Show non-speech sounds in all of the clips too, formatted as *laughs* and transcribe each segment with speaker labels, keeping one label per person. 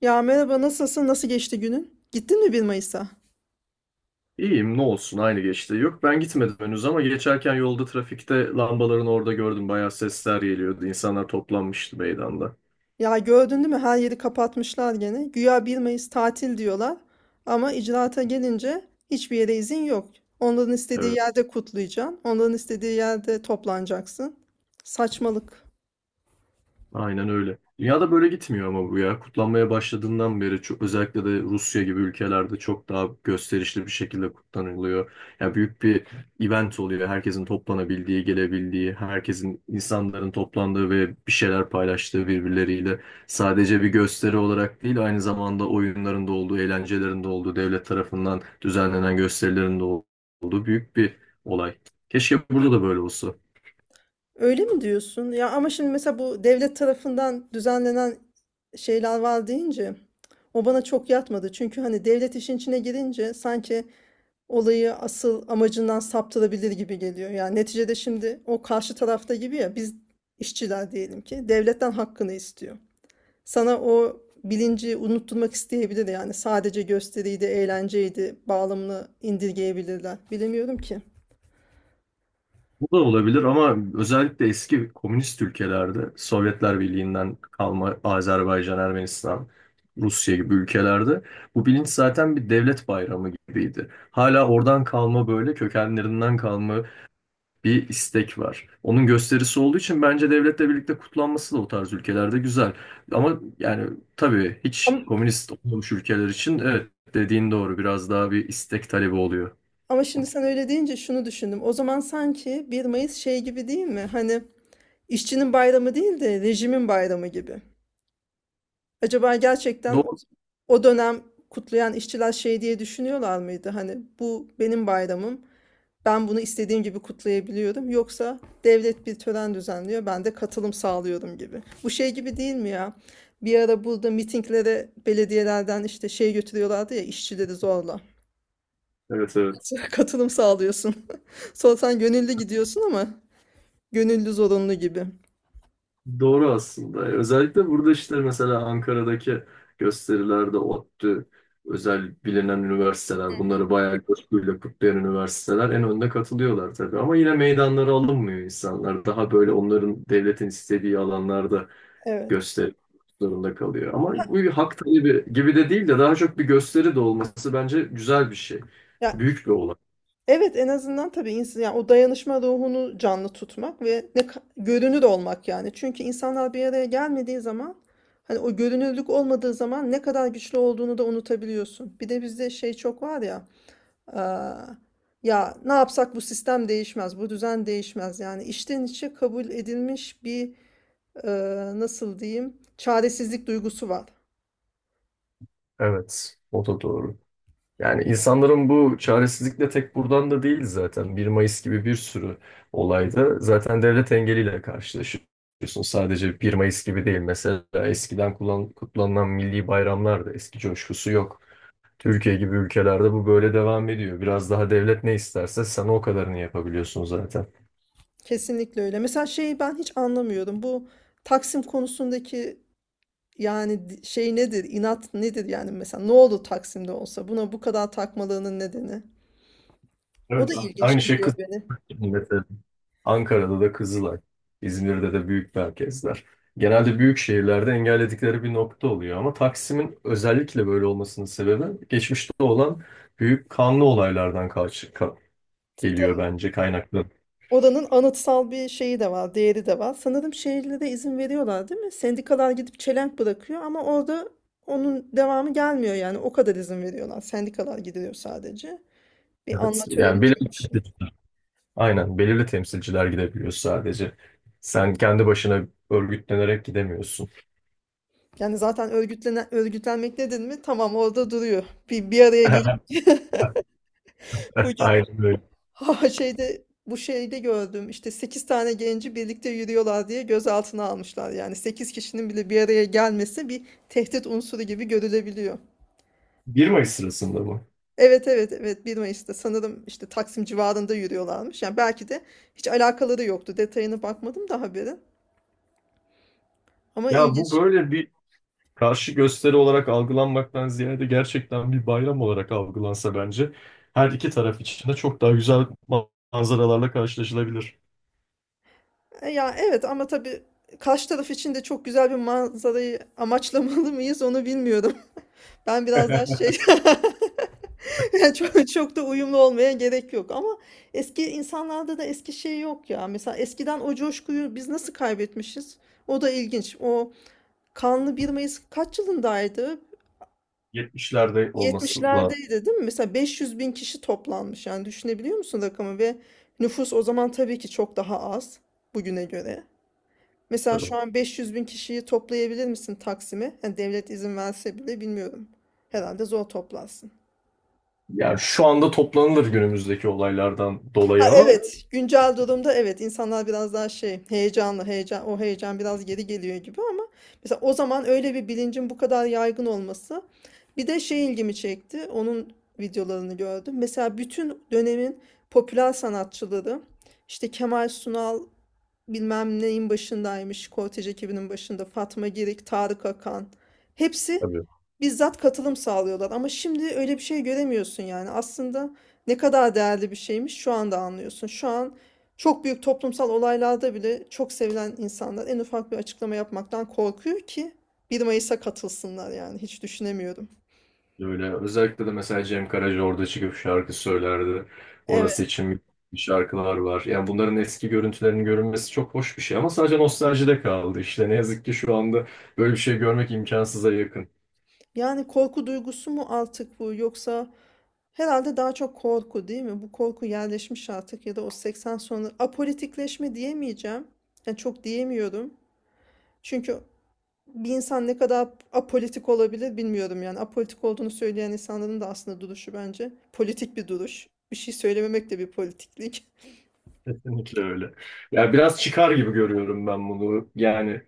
Speaker 1: Ya merhaba, nasılsın? Nasıl geçti günün? Gittin mi bir Mayıs'a?
Speaker 2: İyiyim ne olsun aynı geçti. Yok ben gitmedim henüz ama geçerken yolda trafikte lambaların orada gördüm. Bayağı sesler geliyordu. İnsanlar toplanmıştı meydanda.
Speaker 1: Ya gördün değil mi? Her yeri kapatmışlar gene. Güya bir Mayıs tatil diyorlar. Ama icraata gelince hiçbir yere izin yok. Onların istediği
Speaker 2: Evet.
Speaker 1: yerde kutlayacaksın. Onların istediği yerde toplanacaksın. Saçmalık.
Speaker 2: Aynen öyle. Dünyada böyle gitmiyor ama bu ya. Kutlanmaya başladığından beri çok, özellikle de Rusya gibi ülkelerde çok daha gösterişli bir şekilde kutlanılıyor. Ya büyük bir event oluyor. Herkesin toplanabildiği, gelebildiği, herkesin insanların toplandığı ve bir şeyler paylaştığı birbirleriyle. Sadece bir gösteri olarak değil, aynı zamanda oyunların da olduğu, eğlencelerin de olduğu, devlet tarafından düzenlenen gösterilerin de olduğu büyük bir olay. Keşke burada da böyle olsa.
Speaker 1: Öyle mi diyorsun? Ya ama şimdi mesela bu devlet tarafından düzenlenen şeyler var deyince o bana çok yatmadı. Çünkü hani devlet işin içine girince sanki olayı asıl amacından saptırabilir gibi geliyor. Yani neticede şimdi o karşı tarafta gibi, ya biz işçiler diyelim ki devletten hakkını istiyor. Sana o bilinci unutturmak isteyebilir, yani sadece gösteriydi, eğlenceydi bağlamını indirgeyebilirler. Bilemiyorum ki.
Speaker 2: Bu da olabilir ama özellikle eski komünist ülkelerde, Sovyetler Birliği'nden kalma Azerbaycan, Ermenistan, Rusya gibi ülkelerde bu bilinç zaten bir devlet bayramı gibiydi. Hala oradan kalma böyle kökenlerinden kalma bir istek var. Onun gösterisi olduğu için bence devletle birlikte kutlanması da o tarz ülkelerde güzel. Ama yani tabii hiç
Speaker 1: Ama,
Speaker 2: komünist olmamış ülkeler için evet dediğin doğru biraz daha bir istek talebi oluyor.
Speaker 1: ama şimdi sen öyle deyince şunu düşündüm. O zaman sanki bir Mayıs şey gibi değil mi? Hani işçinin bayramı değil de rejimin bayramı gibi. Acaba gerçekten o,
Speaker 2: Doğru.
Speaker 1: o dönem kutlayan işçiler şey diye düşünüyorlar mıydı? Hani bu benim bayramım. Ben bunu istediğim gibi kutlayabiliyorum. Yoksa devlet bir tören düzenliyor, ben de katılım sağlıyorum gibi. Bu şey gibi değil mi ya? Bir ara burada mitinglere belediyelerden işte şey götürüyorlardı ya, işçileri zorla.
Speaker 2: Evet, evet.
Speaker 1: *laughs* Katılım sağlıyorsun. *laughs* Sonra sen gönüllü gidiyorsun ama gönüllü zorunlu gibi.
Speaker 2: Doğru aslında. Özellikle burada işte mesela Ankara'daki gösterilerde ODTÜ, özel bilinen üniversiteler, bunları bayağı coşkuyla kutlayan üniversiteler en önde katılıyorlar tabii. Ama yine meydanlara alınmıyor insanlar. Daha böyle onların devletin istediği alanlarda
Speaker 1: Evet.
Speaker 2: gösteri zorunda kalıyor. Ama bu bir hak talebi gibi de değil de daha çok bir gösteri de olması bence güzel bir şey.
Speaker 1: Ya
Speaker 2: Büyük bir olay.
Speaker 1: evet, en azından tabii insan yani o dayanışma ruhunu canlı tutmak ve görünür olmak yani. Çünkü insanlar bir araya gelmediği zaman, hani o görünürlük olmadığı zaman ne kadar güçlü olduğunu da unutabiliyorsun. Bir de bizde şey çok var ya, aa, ya ne yapsak bu sistem değişmez, bu düzen değişmez. Yani içten içe kabul edilmiş bir e, nasıl diyeyim çaresizlik duygusu var.
Speaker 2: Evet, o da doğru. Yani insanların bu çaresizlikle tek buradan da değil zaten. 1 Mayıs gibi bir sürü olayda zaten devlet engeliyle karşılaşıyorsun. Sadece 1 Mayıs gibi değil. Mesela eskiden kutlanılan milli bayramlar da eski coşkusu yok. Türkiye gibi ülkelerde bu böyle devam ediyor. Biraz daha devlet ne isterse sen o kadarını yapabiliyorsun zaten.
Speaker 1: Kesinlikle öyle. Mesela şeyi ben hiç anlamıyorum. Bu Taksim konusundaki Yani şey nedir, inat nedir yani mesela ne oldu Taksim'de olsa buna bu kadar takmalarının nedeni. O
Speaker 2: Evet.
Speaker 1: da ilginç
Speaker 2: Aynı şey
Speaker 1: geliyor
Speaker 2: kız
Speaker 1: beni.
Speaker 2: Ankara'da da Kızılay, İzmir'de de büyük merkezler. Genelde büyük şehirlerde engelledikleri bir nokta oluyor ama Taksim'in özellikle böyle olmasının sebebi geçmişte olan büyük kanlı olaylardan geliyor
Speaker 1: Tabii.
Speaker 2: bence kaynaklı.
Speaker 1: Oranın anıtsal bir şeyi de var, değeri de var. Sanırım şehirlere izin veriyorlar, değil mi? Sendikalar gidip çelenk bırakıyor ama orada onun devamı gelmiyor yani. O kadar izin veriyorlar. Sendikalar gidiyor sadece. Bir
Speaker 2: Evet.
Speaker 1: anma
Speaker 2: Yani
Speaker 1: töreni gibi bir şey.
Speaker 2: aynen belirli temsilciler gidebiliyor sadece. Sen kendi başına örgütlenerek gidemiyorsun.
Speaker 1: Yani zaten örgütlenen, örgütlenmek nedir mi? Tamam, orada duruyor. Bir araya
Speaker 2: *laughs*
Speaker 1: gelip bu
Speaker 2: Aynen öyle.
Speaker 1: ha, şeyde, bu şeyde gördüm işte 8 tane genci birlikte yürüyorlar diye gözaltına almışlar. Yani 8 kişinin bile bir araya gelmesi bir tehdit unsuru gibi görülebiliyor.
Speaker 2: 1 Mayıs sırasında bu.
Speaker 1: Evet evet evet, bir Mayıs'ta sanırım işte Taksim civarında yürüyorlarmış. Yani belki de hiç alakaları yoktu. Detayına bakmadım da haberin. Ama
Speaker 2: Ya bu
Speaker 1: ilginç.
Speaker 2: böyle bir karşı gösteri olarak algılanmaktan ziyade gerçekten bir bayram olarak algılansa bence her iki taraf için de çok daha güzel manzaralarla karşılaşılabilir.
Speaker 1: Ya evet, ama tabii karşı taraf için de çok güzel bir manzarayı amaçlamalı mıyız, onu bilmiyorum. *laughs* Ben biraz daha şey.
Speaker 2: *laughs*
Speaker 1: *laughs* *laughs* Çok, çok da uyumlu olmaya gerek yok ama eski insanlarda da eski şey yok ya. Mesela eskiden o coşkuyu biz nasıl kaybetmişiz? O da ilginç. O kanlı bir Mayıs kaç yılındaydı?
Speaker 2: 70'lerde olması lazım.
Speaker 1: 70'lerdeydi değil mi? Mesela 500 bin kişi toplanmış. Yani düşünebiliyor musun rakamı? Ve nüfus o zaman tabii ki çok daha az bugüne göre. Mesela şu
Speaker 2: Tabii.
Speaker 1: an 500 bin kişiyi toplayabilir misin Taksim'e? Yani devlet izin verse bile bilmiyorum. Herhalde zor toplarsın.
Speaker 2: Yani şu anda toplanılır günümüzdeki olaylardan
Speaker 1: Ha,
Speaker 2: dolayı ama.
Speaker 1: evet, güncel durumda evet, insanlar biraz daha şey, heyecanlı, heyecan, o heyecan biraz geri geliyor gibi ama mesela o zaman öyle bir bilincin bu kadar yaygın olması, bir de şey ilgimi çekti, onun videolarını gördüm, mesela bütün dönemin popüler sanatçıları, işte Kemal Sunal bilmem neyin başındaymış, Kortej ekibinin başında Fatma Girik, Tarık Akan, hepsi
Speaker 2: Tabii.
Speaker 1: bizzat katılım sağlıyorlar. Ama şimdi öyle bir şey göremiyorsun yani. Aslında ne kadar değerli bir şeymiş, şu anda anlıyorsun. Şu an çok büyük toplumsal olaylarda bile çok sevilen insanlar en ufak bir açıklama yapmaktan korkuyor ki bir Mayıs'a katılsınlar, yani hiç düşünemiyorum.
Speaker 2: Öyle. Özellikle de mesela Cem Karaca orada çıkıp şarkı söylerdi. Orası
Speaker 1: Evet,
Speaker 2: için şarkılar var. Yani bunların eski görüntülerinin görünmesi çok hoş bir şey ama sadece nostaljide kaldı. İşte ne yazık ki şu anda böyle bir şey görmek imkansıza yakın.
Speaker 1: yani korku duygusu mu artık bu, yoksa herhalde daha çok korku değil mi? Bu korku yerleşmiş artık, ya da o 80 sonra apolitikleşme diyemeyeceğim. Yani çok diyemiyorum. Çünkü bir insan ne kadar apolitik olabilir bilmiyorum yani. Apolitik olduğunu söyleyen insanların da aslında duruşu bence politik bir duruş. Bir şey söylememek de bir politiklik.
Speaker 2: Kesinlikle öyle. Ya biraz çıkar gibi görüyorum ben bunu. Yani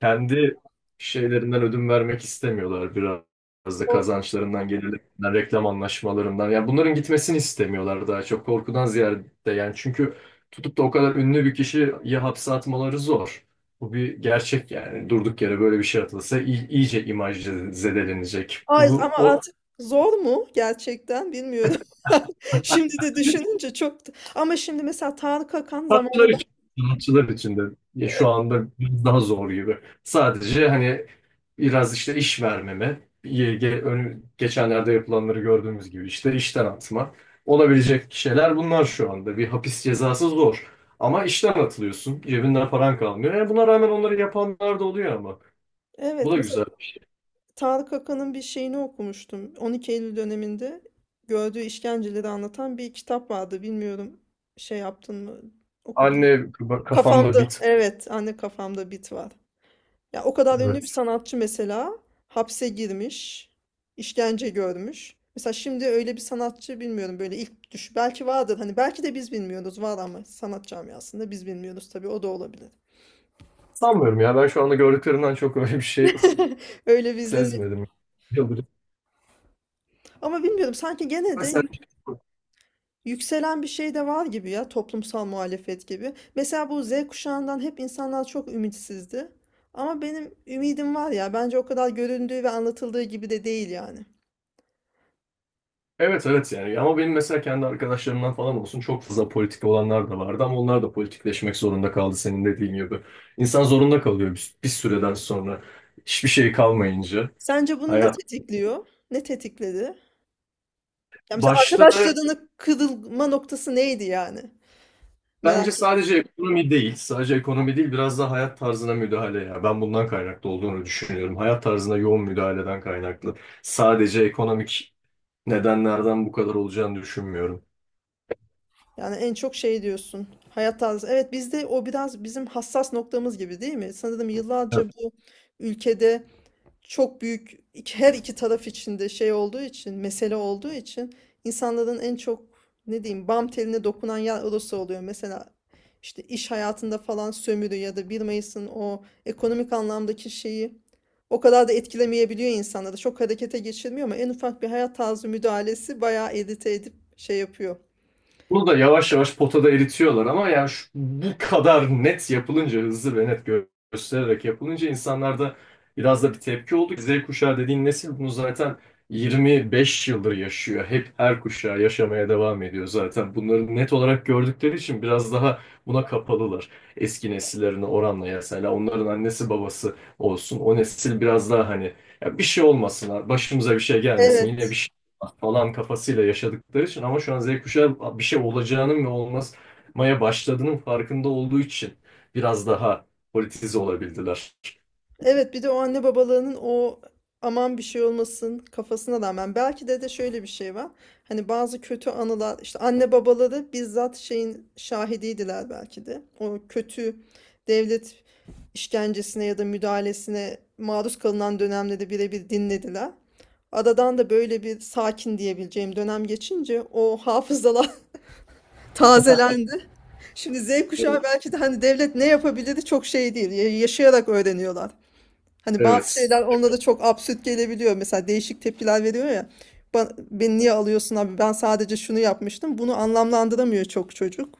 Speaker 2: kendi şeylerinden ödün vermek istemiyorlar biraz. Biraz da
Speaker 1: O,
Speaker 2: kazançlarından, gelirlerinden, reklam anlaşmalarından. Yani bunların gitmesini istemiyorlar daha çok korkudan ziyade. Yani çünkü tutup da o kadar ünlü bir kişiyi hapse atmaları zor. Bu bir gerçek yani. Durduk yere böyle bir şey atılsa iyice imaj zedelenecek.
Speaker 1: Ay,
Speaker 2: Bu
Speaker 1: ama
Speaker 2: o
Speaker 1: artık zor mu gerçekten bilmiyorum. *laughs* Şimdi de düşününce çok. Ama şimdi mesela Tarık Akan
Speaker 2: Sanatçılar
Speaker 1: zamanında
Speaker 2: için, sanatçılar için de ya şu
Speaker 1: E,
Speaker 2: anda biraz daha zor gibi. Sadece hani biraz işte iş vermeme, geçenlerde yapılanları gördüğümüz gibi işte işten atma. Olabilecek şeyler bunlar şu anda. Bir hapis cezası zor. Ama işten atılıyorsun. Cebinden paran kalmıyor. E, buna rağmen onları yapanlar da oluyor ama. Bu
Speaker 1: evet,
Speaker 2: da
Speaker 1: mesela
Speaker 2: güzel.
Speaker 1: Tarık Akan'ın bir şeyini okumuştum. 12 Eylül döneminde gördüğü işkenceleri anlatan bir kitap vardı. Bilmiyorum şey yaptın mı, okudun?
Speaker 2: Anne kafamda
Speaker 1: Kafamda,
Speaker 2: bit.
Speaker 1: evet, anne kafamda bit var. Ya o kadar ünlü bir
Speaker 2: Evet.
Speaker 1: sanatçı mesela hapse girmiş, işkence görmüş. Mesela şimdi öyle bir sanatçı bilmiyorum, böyle ilk düş belki vardır hani, belki de biz bilmiyoruz, var ama sanat camiasında biz bilmiyoruz tabii, o da olabilir.
Speaker 2: Sanmıyorum ya. Ben şu anda gördüklerimden çok öyle bir şey
Speaker 1: *laughs* Öyle bir izlenim.
Speaker 2: sezmedim. Yıldırım.
Speaker 1: Ama bilmiyorum, sanki gene de
Speaker 2: Mesela
Speaker 1: yükselen bir şey de var gibi, ya toplumsal muhalefet gibi. Mesela bu Z kuşağından hep insanlar çok ümitsizdi. Ama benim ümidim var ya, bence o kadar göründüğü ve anlatıldığı gibi de değil yani.
Speaker 2: Evet, evet, yani ama benim mesela kendi arkadaşlarımdan falan olsun çok fazla politik olanlar da vardı ama onlar da politikleşmek zorunda kaldı senin dediğin gibi. İnsan zorunda kalıyor bir süreden sonra hiçbir şey kalmayınca.
Speaker 1: Sence bunu ne
Speaker 2: Hayat
Speaker 1: tetikliyor? Ne tetikledi? Ya mesela
Speaker 2: başta
Speaker 1: arkadaşlarının kırılma noktası neydi yani?
Speaker 2: bence
Speaker 1: Merak et.
Speaker 2: sadece ekonomi değil biraz da hayat tarzına müdahale ya ben bundan kaynaklı olduğunu düşünüyorum. Hayat tarzına yoğun müdahaleden kaynaklı sadece ekonomik nedenlerden bu kadar olacağını düşünmüyorum.
Speaker 1: Yani en çok şey diyorsun, hayat tarzı. Evet, bizde o biraz bizim hassas noktamız gibi değil mi? Sanırım yıllarca bu ülkede çok büyük her iki taraf içinde şey olduğu için, mesele olduğu için insanların en çok, ne diyeyim, bam teline dokunan yer orası oluyor. Mesela işte iş hayatında falan sömürü ya da 1 Mayıs'ın o ekonomik anlamdaki şeyi o kadar da etkilemeyebiliyor insanları. Çok harekete geçirmiyor ama en ufak bir hayat tarzı müdahalesi bayağı edite edip şey yapıyor.
Speaker 2: Bunu da yavaş yavaş potada eritiyorlar ama yani bu kadar net yapılınca, hızlı ve net göstererek yapılınca insanlarda biraz da bir tepki oldu. Z kuşağı dediğin nesil bunu zaten 25 yıldır yaşıyor. Hep her kuşağı yaşamaya devam ediyor zaten. Bunları net olarak gördükleri için biraz daha buna kapalılar. Eski nesillerine oranla mesela onların annesi babası olsun. O nesil biraz daha hani ya bir şey olmasın, başımıza bir şey gelmesin. Yine
Speaker 1: Evet.
Speaker 2: bir falan kafasıyla yaşadıkları için ama şu an Z kuşağı bir şey olacağının ve olmaya başladığının farkında olduğu için biraz daha politize olabildiler.
Speaker 1: Evet, bir de o anne babalığının o aman bir şey olmasın kafasına rağmen belki de şöyle bir şey var. Hani bazı kötü anılar, işte anne babaları bizzat şeyin şahidiydiler belki de. O kötü devlet işkencesine ya da müdahalesine maruz kalınan dönemde de birebir dinlediler. Aradan da böyle bir sakin diyebileceğim dönem geçince o hafızalar *laughs* tazelendi. Şimdi Z
Speaker 2: Evet.
Speaker 1: kuşağı belki de, hani devlet ne yapabilir çok şey değil, yaşayarak öğreniyorlar. Hani bazı
Speaker 2: Evet.
Speaker 1: şeyler onlara çok absürt gelebiliyor. Mesela değişik tepkiler veriyor ya. Beni niye alıyorsun abi? Ben sadece şunu yapmıştım. Bunu anlamlandıramıyor çok çocuk.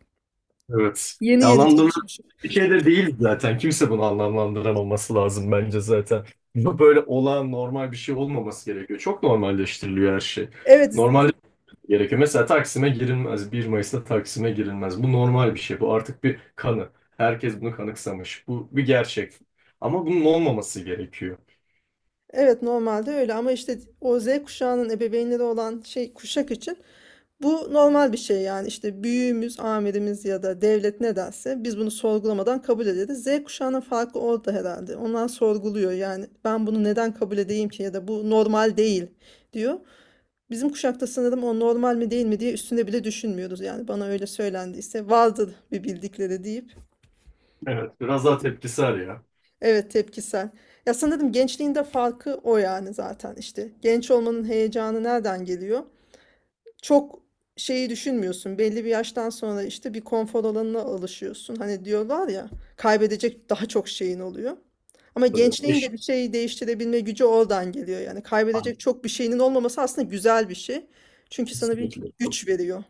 Speaker 2: Evet.
Speaker 1: Yeni
Speaker 2: Ya
Speaker 1: yeni
Speaker 2: anlamlı
Speaker 1: tanışmışım.
Speaker 2: bir şey de değil zaten. Kimse bunu anlamlandıramaması lazım bence zaten. Bu böyle olan normal bir şey olmaması gerekiyor. Çok normalleştiriliyor her şey.
Speaker 1: Evet,
Speaker 2: Normal gerekiyor. Mesela Taksim'e girilmez. 1 Mayıs'ta Taksim'e girilmez. Bu normal bir şey. Bu artık bir kanı. Herkes bunu kanıksamış. Bu bir gerçek. Ama bunun olmaması gerekiyor.
Speaker 1: evet, normalde öyle ama işte o Z kuşağının ebeveynleri olan şey kuşak için bu normal bir şey, yani işte büyüğümüz, amirimiz ya da devlet ne derse biz bunu sorgulamadan kabul ederiz. Z kuşağının farkı orada herhalde. Onlar sorguluyor, yani ben bunu neden kabul edeyim ki, ya da bu normal değil diyor. Bizim kuşakta sanırım o normal mi değil mi diye üstüne bile düşünmüyoruz. Yani bana öyle söylendiyse vardır bir bildikleri deyip.
Speaker 2: Evet. Biraz daha tepkisel ya.
Speaker 1: Evet, tepkisel. Ya sanırım gençliğinde farkı o yani, zaten işte. Genç olmanın heyecanı nereden geliyor? Çok şeyi düşünmüyorsun. Belli bir yaştan sonra işte bir konfor alanına alışıyorsun. Hani diyorlar ya, kaybedecek daha çok şeyin oluyor. Ama
Speaker 2: Tabii.
Speaker 1: gençliğin
Speaker 2: Eş.
Speaker 1: de bir şeyi değiştirebilme gücü oradan geliyor. Yani
Speaker 2: Aynen.
Speaker 1: kaybedecek çok bir şeyinin olmaması aslında güzel bir şey. Çünkü sana bir
Speaker 2: Kesinlikle.
Speaker 1: güç veriyor.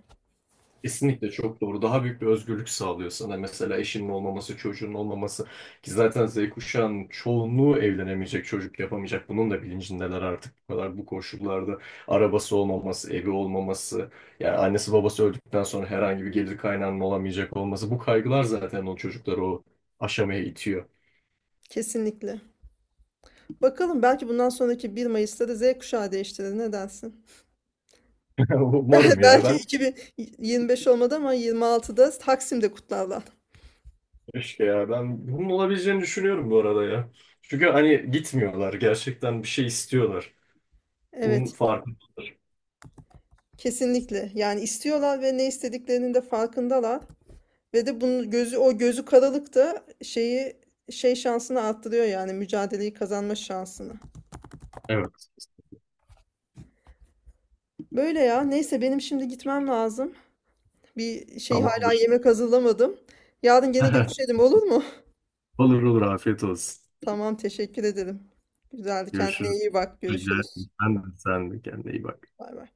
Speaker 2: Kesinlikle çok doğru. Daha büyük bir özgürlük sağlıyor sana. Mesela eşinin olmaması, çocuğun olmaması. Ki zaten Z kuşağının çoğunluğu evlenemeyecek, çocuk yapamayacak. Bunun da bilincindeler artık bu kadar bu koşullarda. Arabası olmaması, evi olmaması. Yani annesi babası öldükten sonra herhangi bir gelir kaynağının olamayacak olması. Bu kaygılar zaten o çocukları o aşamaya itiyor.
Speaker 1: Kesinlikle. Bakalım, belki bundan sonraki bir Mayıs'ta da Z kuşağı değiştirir. Ne dersin?
Speaker 2: *laughs* Umarım
Speaker 1: *laughs*
Speaker 2: ya.
Speaker 1: Belki
Speaker 2: Ben
Speaker 1: 2025 olmadı ama 26'da Taksim'de kutlarlar.
Speaker 2: keşke ya. Ben bunun olabileceğini düşünüyorum bu arada ya. Çünkü hani gitmiyorlar. Gerçekten bir şey istiyorlar. Bunun
Speaker 1: Evet,
Speaker 2: farkı.
Speaker 1: kesinlikle. Yani istiyorlar ve ne istediklerinin de farkındalar. Ve de bunun gözü, o gözü karalık da şeyi, şey şansını arttırıyor yani, mücadeleyi kazanma şansını.
Speaker 2: Evet.
Speaker 1: Böyle ya. Neyse, benim şimdi gitmem lazım. Bir şey hala
Speaker 2: Tamamdır.
Speaker 1: yemek hazırlamadım. Yarın gene
Speaker 2: *laughs*
Speaker 1: görüşelim, olur mu?
Speaker 2: Olur, olur, afiyet olsun.
Speaker 1: Tamam, teşekkür ederim. Güzeldi. Kendine
Speaker 2: Görüşürüz.
Speaker 1: iyi bak.
Speaker 2: Rica
Speaker 1: Görüşürüz.
Speaker 2: ederim. Sen de, sen de kendine iyi bak.
Speaker 1: Bay bay.